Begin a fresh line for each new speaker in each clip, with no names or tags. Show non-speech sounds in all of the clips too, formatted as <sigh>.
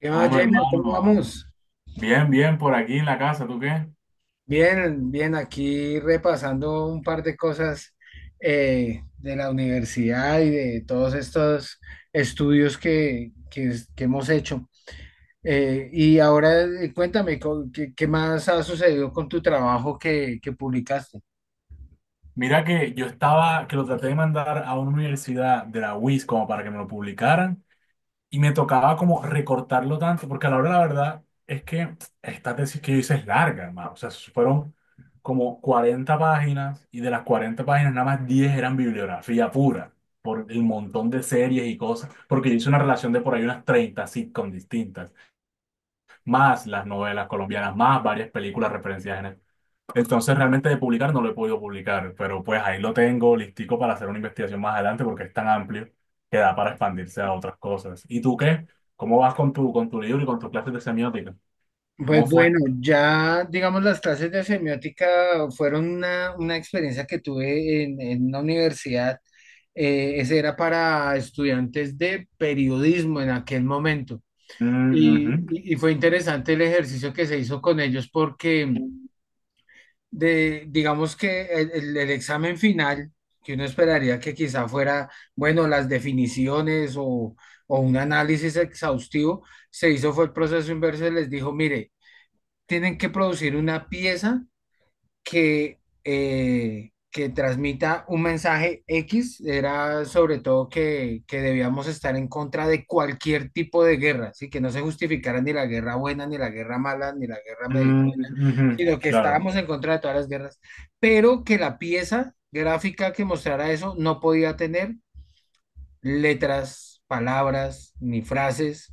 ¿Qué más,
Hombre,
Jamer? ¿Cómo
hermano,
vamos?
bien, bien, por aquí en la casa, ¿tú qué?
Bien, bien, aquí repasando un par de cosas de la universidad y de todos estos estudios que hemos hecho. Y ahora cuéntame, qué más ha sucedido con tu trabajo que publicaste?
Mira que yo estaba, que lo traté de mandar a una universidad de la UIS como para que me lo publicaran y me tocaba como recortarlo tanto, porque a la hora de la verdad es que esta tesis que yo hice es larga, hermano, o sea, fueron como 40 páginas y de las 40 páginas nada más 10 eran bibliografía pura, por el montón de series y cosas, porque yo hice una relación de por ahí unas 30 sitcoms distintas, más las novelas colombianas, más varias películas referenciadas en. Entonces realmente de publicar no lo he podido publicar, pero pues ahí lo tengo listico para hacer una investigación más adelante porque es tan amplio que da para expandirse a otras cosas. ¿Y tú qué? ¿Cómo vas con tu libro y con tus clases de semiótica?
Pues
¿Cómo fue?
bueno, ya digamos las clases de semiótica fueron una experiencia que tuve en una universidad. Eh, ese era para estudiantes de periodismo en aquel momento.
Ujú.
Y fue interesante el ejercicio que se hizo con ellos porque, digamos que el examen final, que uno esperaría que quizá fuera, bueno, las definiciones o un análisis exhaustivo, se hizo fue el proceso inverso y les dijo, mire, tienen que producir una pieza que transmita un mensaje X, era sobre todo que debíamos estar en contra de cualquier tipo de guerra, ¿sí? Que no se justificara ni la guerra buena, ni la guerra mala, ni la guerra medio,
Mm, ujú.
sino que
Claro.
estábamos en contra de todas las guerras, pero que la pieza gráfica que mostrara eso no podía tener letras, palabras, ni frases,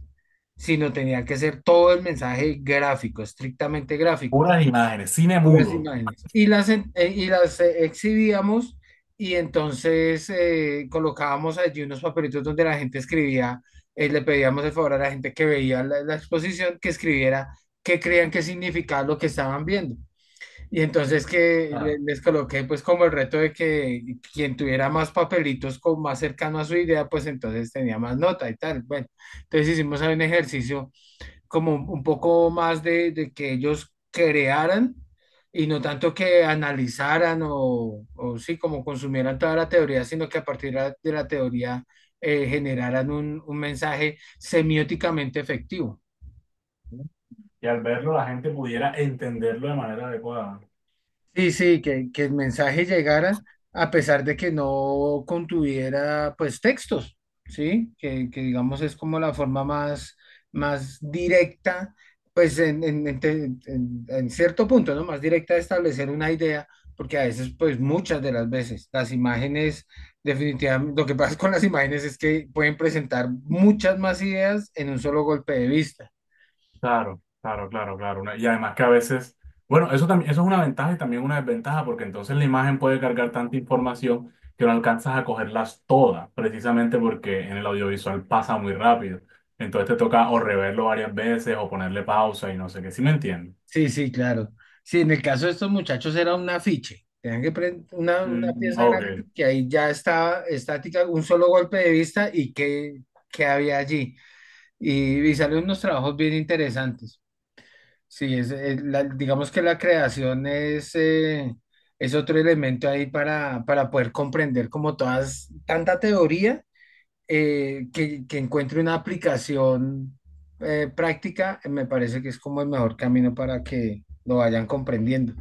sino tenía que ser todo el mensaje gráfico, estrictamente gráfico,
Puras imágenes, cine
puras
mudo.
imágenes. Y las, y las exhibíamos y entonces colocábamos allí unos papelitos donde la gente escribía, le pedíamos el favor a la gente que veía la exposición que escribiera qué creían que significaba lo que estaban viendo. Y entonces que
Ah.
les coloqué pues como el reto de que quien tuviera más papelitos como más cercano a su idea, pues entonces tenía más nota y tal. Bueno, entonces hicimos ahí un ejercicio como un poco más de que ellos crearan y no tanto que analizaran o sí, como consumieran toda la teoría, sino que a partir de la teoría generaran un mensaje semióticamente efectivo.
Y al verlo la gente pudiera entenderlo de manera adecuada.
Sí, sí, que el mensaje llegara a pesar de que no contuviera pues textos, ¿sí? Digamos es como la forma más, más directa, pues en cierto punto, ¿no? Más directa de establecer una idea, porque a veces pues muchas de las veces las imágenes definitivamente, lo que pasa con las imágenes es que pueden presentar muchas más ideas en un solo golpe de vista.
Claro, claro, claro, claro. Y además que a veces, bueno, eso también, eso es una ventaja y también una desventaja, porque entonces la imagen puede cargar tanta información que no alcanzas a cogerlas todas, precisamente porque en el audiovisual pasa muy rápido. Entonces te toca o reverlo varias veces o ponerle pausa y no sé qué. ¿Sí me entiendes?
Sí, sí, claro. Sí, en el caso de estos muchachos era un afiche. Tenían que prender una pieza
Ok.
gráfica que ahí ya estaba estática, un solo golpe de vista y qué había allí. Y salen unos trabajos bien interesantes. Sí, es, digamos que la creación es otro elemento ahí para poder comprender como todas, tanta teoría que encuentre una aplicación práctica, me parece que es como el mejor camino para que lo vayan comprendiendo.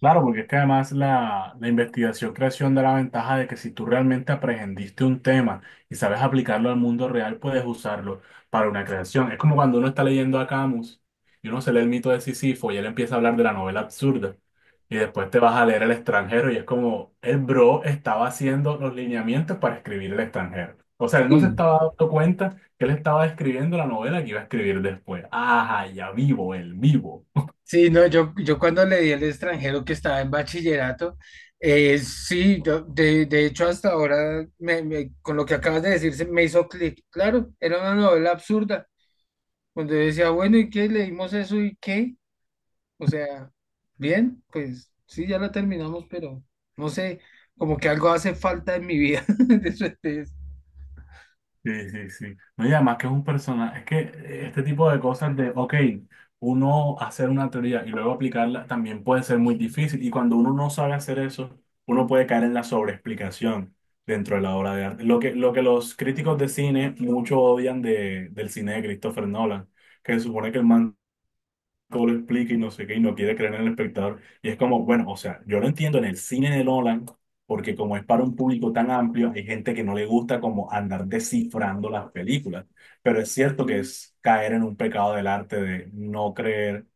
Claro, porque es que además la investigación creación da la ventaja de que si tú realmente aprendiste un tema y sabes aplicarlo al mundo real, puedes usarlo para una creación. Es como cuando uno está leyendo a Camus y uno se lee el mito de Sísifo y él empieza a hablar de la novela absurda y después te vas a leer El extranjero y es como el bro estaba haciendo los lineamientos para escribir El extranjero. O sea, él no se
Sí,
estaba dando cuenta que él estaba escribiendo la novela que iba a escribir después. Ajá, ya vivo, el vivo.
sí, no, yo cuando le di al extranjero que estaba en bachillerato, sí, de hecho hasta ahora, con lo que acabas de decir, se me hizo clic. Claro, era una novela absurda, cuando yo decía, bueno, ¿y qué? Leímos eso y qué. O sea, bien, pues sí, ya la terminamos, pero no sé, como que algo hace falta en mi vida. <laughs> de eso es-
Sí, sí, sí. No, y además que es un personaje, es que este tipo de cosas de, ok, uno hacer una teoría y luego aplicarla también puede ser muy difícil y cuando uno no sabe hacer eso, uno puede caer en la sobreexplicación dentro de la obra de arte. Lo que los críticos de cine mucho odian de, del cine de Christopher Nolan, que se supone que el man lo explica y no sé qué, y no quiere creer en el espectador. Y es como, bueno, o sea, yo lo entiendo en el cine de Nolan, porque como es para un público tan amplio, hay gente que no le gusta como andar descifrando las películas. Pero es cierto que es caer en un pecado del arte de no creer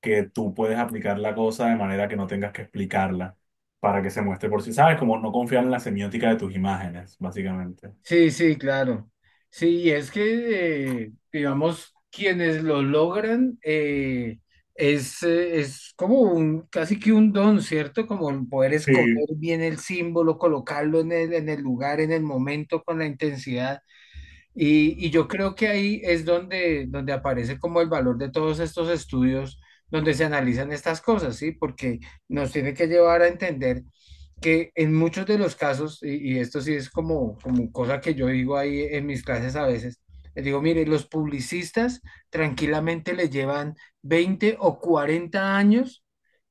que tú puedes aplicar la cosa de manera que no tengas que explicarla para que se muestre por sí. ¿Sabes? Como no confiar en la semiótica de tus imágenes, básicamente.
Sí, sí, claro. Sí, es que, digamos, quienes lo logran es como un, casi que un don, ¿cierto? Como el poder escoger
Sí.
bien el símbolo, colocarlo en el lugar, en el momento, con la intensidad. Y yo creo que ahí es donde, donde aparece como el valor de todos estos estudios donde se analizan estas cosas, ¿sí? Porque nos tiene que llevar a entender que en muchos de los casos, y esto sí es como, como cosa que yo digo ahí en mis clases a veces, les digo, mire, los publicistas tranquilamente le llevan 20 o 40 años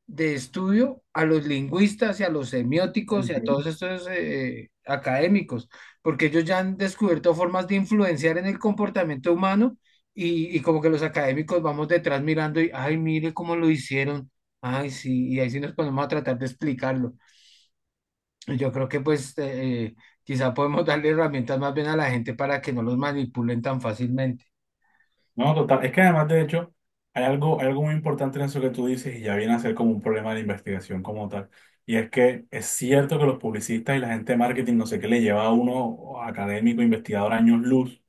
de estudio a los lingüistas y a los semióticos y a todos estos académicos, porque ellos ya han descubierto formas de influenciar en el comportamiento humano y como que los académicos vamos detrás mirando y, ay, mire cómo lo hicieron, ay, sí, y ahí sí nos ponemos a tratar de explicarlo. Y yo creo que pues quizá podemos darle herramientas más bien a la gente para que no los manipulen tan fácilmente.
No, total. Es que además, de hecho, hay algo muy importante en eso que tú dices y ya viene a ser como un problema de investigación como tal. Y es que es cierto que los publicistas y la gente de marketing, no sé qué, le lleva a uno académico, investigador, años luz,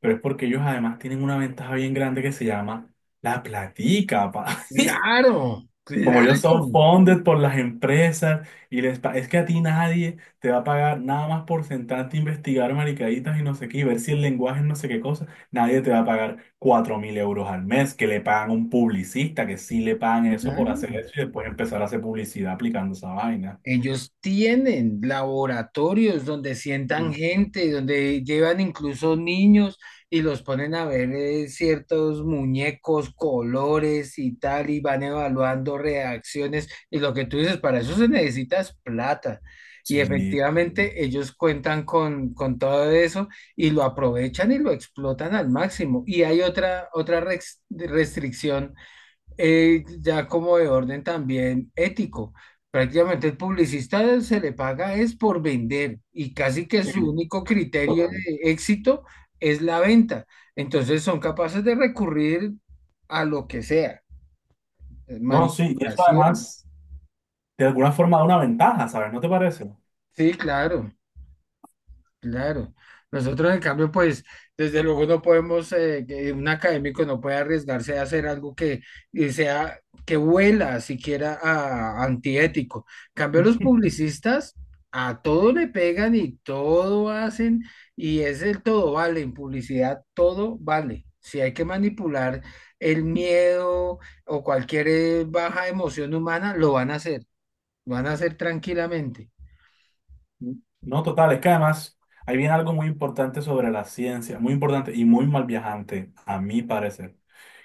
pero es porque ellos además tienen una ventaja bien grande que se llama la platica, pa.
Claro,
Como
claro,
ellos son funded por las empresas y es que a ti nadie te va a pagar nada más por sentarte a investigar maricaditas y no sé qué, y ver si el lenguaje es no sé qué cosa, nadie te va a pagar 4.000 euros al mes que le pagan a un publicista, que sí le pagan eso por hacer
claro.
eso y después empezar a hacer publicidad aplicando esa vaina.
Ellos tienen laboratorios donde sientan
Mm.
gente, donde llevan incluso niños y los ponen a ver ciertos muñecos, colores y tal, y van evaluando reacciones. Y lo que tú dices, para eso se necesitas plata. Y
Sí, sí,
efectivamente ellos cuentan con todo eso y lo aprovechan y lo explotan al máximo. Y hay otra, restricción ya como de orden también ético. Prácticamente el publicista se le paga es por vender y casi que su
sí,
único criterio
total.
de éxito es la venta. Entonces son capaces de recurrir a lo que sea,
No, sí, y eso
manipulación.
además de alguna forma da una ventaja, ¿sabes? ¿No te parece?
Sí, claro. Claro. Nosotros, en cambio, pues, desde luego no podemos, que un académico no puede arriesgarse a hacer algo que que huela siquiera a antiético. En cambio, los publicistas a todo le pegan y todo hacen, y es el todo vale. En publicidad todo vale. Si hay que manipular el miedo o cualquier baja emoción humana, lo van a hacer, lo van a hacer tranquilamente.
No, total, es que además ahí viene algo muy importante sobre la ciencia, muy importante y muy mal viajante, a mi parecer,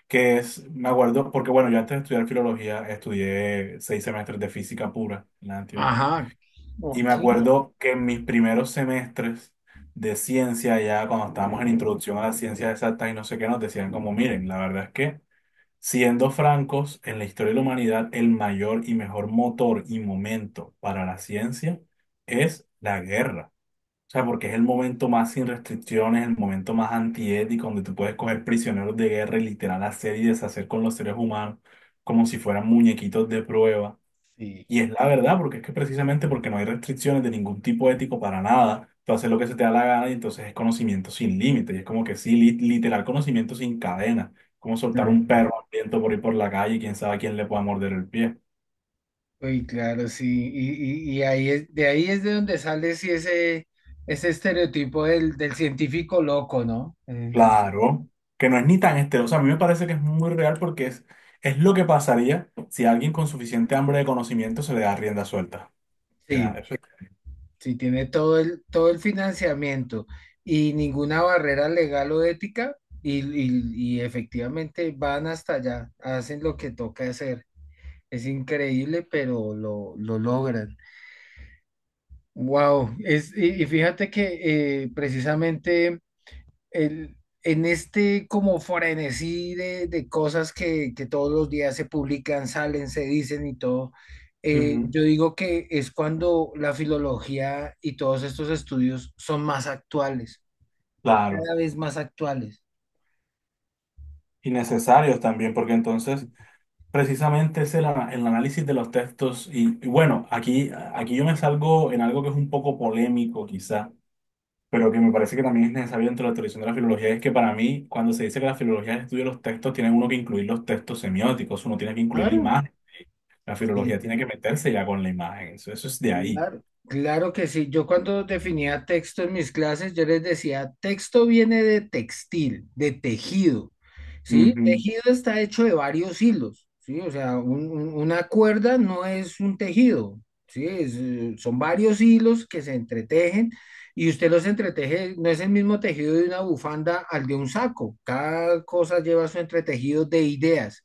que es, me acuerdo, porque bueno, yo antes de estudiar filología estudié 6 semestres de física pura en la Antioquia.
Ajá,
Y me
ok,
acuerdo que en mis primeros semestres de ciencia, ya cuando estábamos en introducción a las ciencias exactas y no sé qué, nos decían como, miren, la verdad es que, siendo francos, en la historia de la humanidad, el mayor y mejor motor y momento para la ciencia es la guerra. O sea, porque es el momento más sin restricciones, el momento más antiético, donde tú puedes coger prisioneros de guerra y literal hacer y deshacer con los seres humanos como si fueran muñequitos de prueba.
sí.
Y es la verdad, porque es que precisamente porque no hay restricciones de ningún tipo ético para nada, tú haces lo que se te da la gana y entonces es conocimiento sin límite. Y es como que sí, literal conocimiento sin cadena, como soltar un perro hambriento por ir por la calle y quién sabe a quién le pueda morder el pie.
Uy, claro, sí. Y ahí es de donde sale sí, ese estereotipo del, del científico loco, ¿no? El-
Claro, que no es ni tan estereoso. A mí me parece que es muy real porque es lo que pasaría si a alguien con suficiente hambre de conocimiento se le da rienda suelta. Ya,
sí,
eso es-
sí, tiene todo el financiamiento y ninguna barrera legal o ética y efectivamente van hasta allá, hacen lo que toca hacer. Es increíble, pero lo logran. Wow, es, y fíjate que precisamente... el, en este como frenesí de cosas que todos los días se publican, salen, se dicen y todo,
Ujú.
yo digo que es cuando la filología y todos estos estudios son más actuales,
Claro,
cada vez más actuales.
y necesarios también, porque entonces precisamente es el análisis de los textos. Y bueno, aquí, aquí yo me salgo en algo que es un poco polémico quizá, pero que me parece que también es necesario dentro de la tradición de la filología, es que para mí, cuando se dice que la filología estudia los textos, tiene uno que incluir los textos semióticos, uno tiene que incluir la
Claro.
imagen. La filología
Sí.
tiene que meterse ya con la imagen, eso es de ahí.
Claro, claro que sí. Yo cuando definía texto en mis clases, yo les decía, texto viene de textil, de tejido, ¿sí?
Ujú.
Tejido está hecho de varios hilos, ¿sí? O sea, una cuerda no es un tejido, ¿sí? Es, son varios hilos que se entretejen y usted los entreteje, no es el mismo tejido de una bufanda al de un saco. Cada cosa lleva su entretejido de ideas.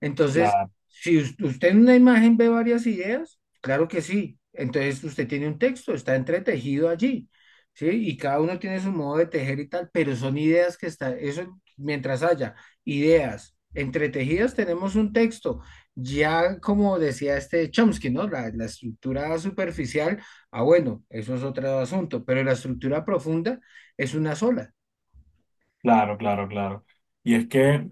Entonces,
Claro,
si usted en una imagen ve varias ideas, claro que sí. Entonces usted tiene un texto, está entretejido allí, ¿sí? Y cada uno tiene su modo de tejer y tal, pero son ideas que están, eso mientras haya ideas entretejidas, tenemos un texto. Ya como decía este Chomsky, ¿no? La estructura superficial, ah, bueno, eso es otro asunto, pero la estructura profunda es una sola.
claro, claro, claro. Y es que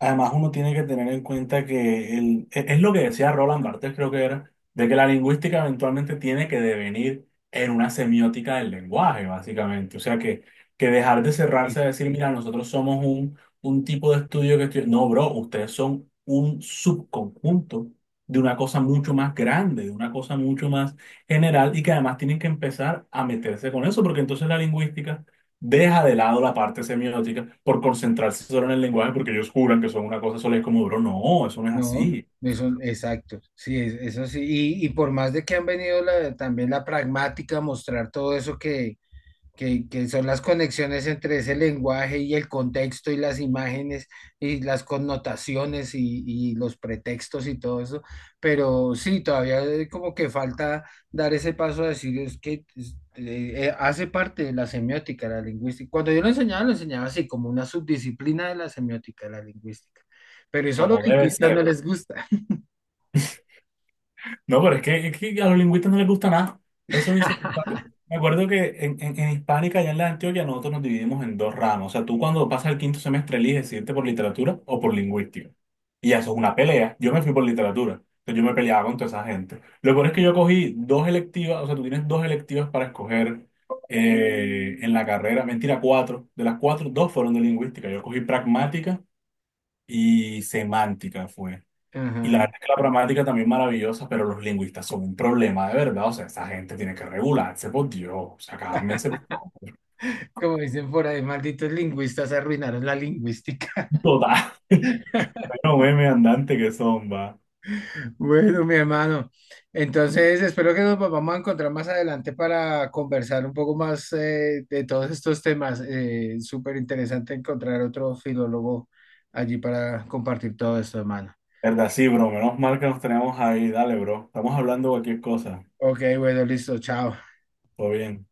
además, uno tiene que tener en cuenta que es lo que decía Roland Barthes, creo que era, de que la lingüística eventualmente tiene que devenir en una semiótica del lenguaje, básicamente. O sea, que dejar de
Sí,
cerrarse a decir, mira, nosotros somos un tipo de estudio que estu-". No, bro, ustedes son un subconjunto de una cosa mucho más grande, de una cosa mucho más general y que además tienen que empezar a meterse con eso, porque entonces la lingüística deja de lado la parte semiótica por concentrarse solo en el lenguaje porque ellos juran que son una cosa sola y es como, bro, no, eso no es
no,
así,
eso, exacto, sí, eso sí, y por más de que han venido también la pragmática a mostrar todo eso que son las conexiones entre ese lenguaje y el contexto y las imágenes y las connotaciones y los pretextos y todo eso. Pero sí, todavía como que falta dar ese paso a decir es que hace parte de la semiótica, la lingüística. Cuando yo lo enseñaba así, como una subdisciplina de la semiótica, la lingüística. Pero eso a los
como debe
lingüistas no
ser.
les gusta.
No, pero es que a los lingüistas no les gusta nada. No son insoportables. Me acuerdo que en Hispánica, allá en la Antioquia, nosotros nos dividimos en dos ramas. O sea, tú cuando pasas el quinto semestre eliges si irte por literatura o por lingüística. Y eso es una pelea. Yo me fui por literatura. Entonces yo me peleaba con toda esa gente. Lo peor es que yo cogí dos electivas, o sea, tú tienes dos electivas para escoger en la carrera. Mentira, cuatro. De las cuatro, dos fueron de lingüística. Yo cogí pragmática y semántica fue.
<laughs>
Y la
Ajá.
verdad es que la gramática también es maravillosa, pero los lingüistas son un problema de verdad. O sea, esa gente tiene que regularse, por Dios. O sea, cálmense, por favor.
Como dicen por ahí, malditos lingüistas arruinaron la lingüística.
Total. <laughs> Bueno, meme andante que son, va.
Bueno, mi hermano, entonces espero que nos volvamos a encontrar más adelante para conversar un poco más de todos estos temas. Súper interesante encontrar otro filólogo allí para compartir todo esto, hermano.
Verdad, sí, bro. Menos mal que nos tenemos ahí. Dale, bro. Estamos hablando de cualquier cosa.
Ok, bueno, listo, chao.
Todo bien.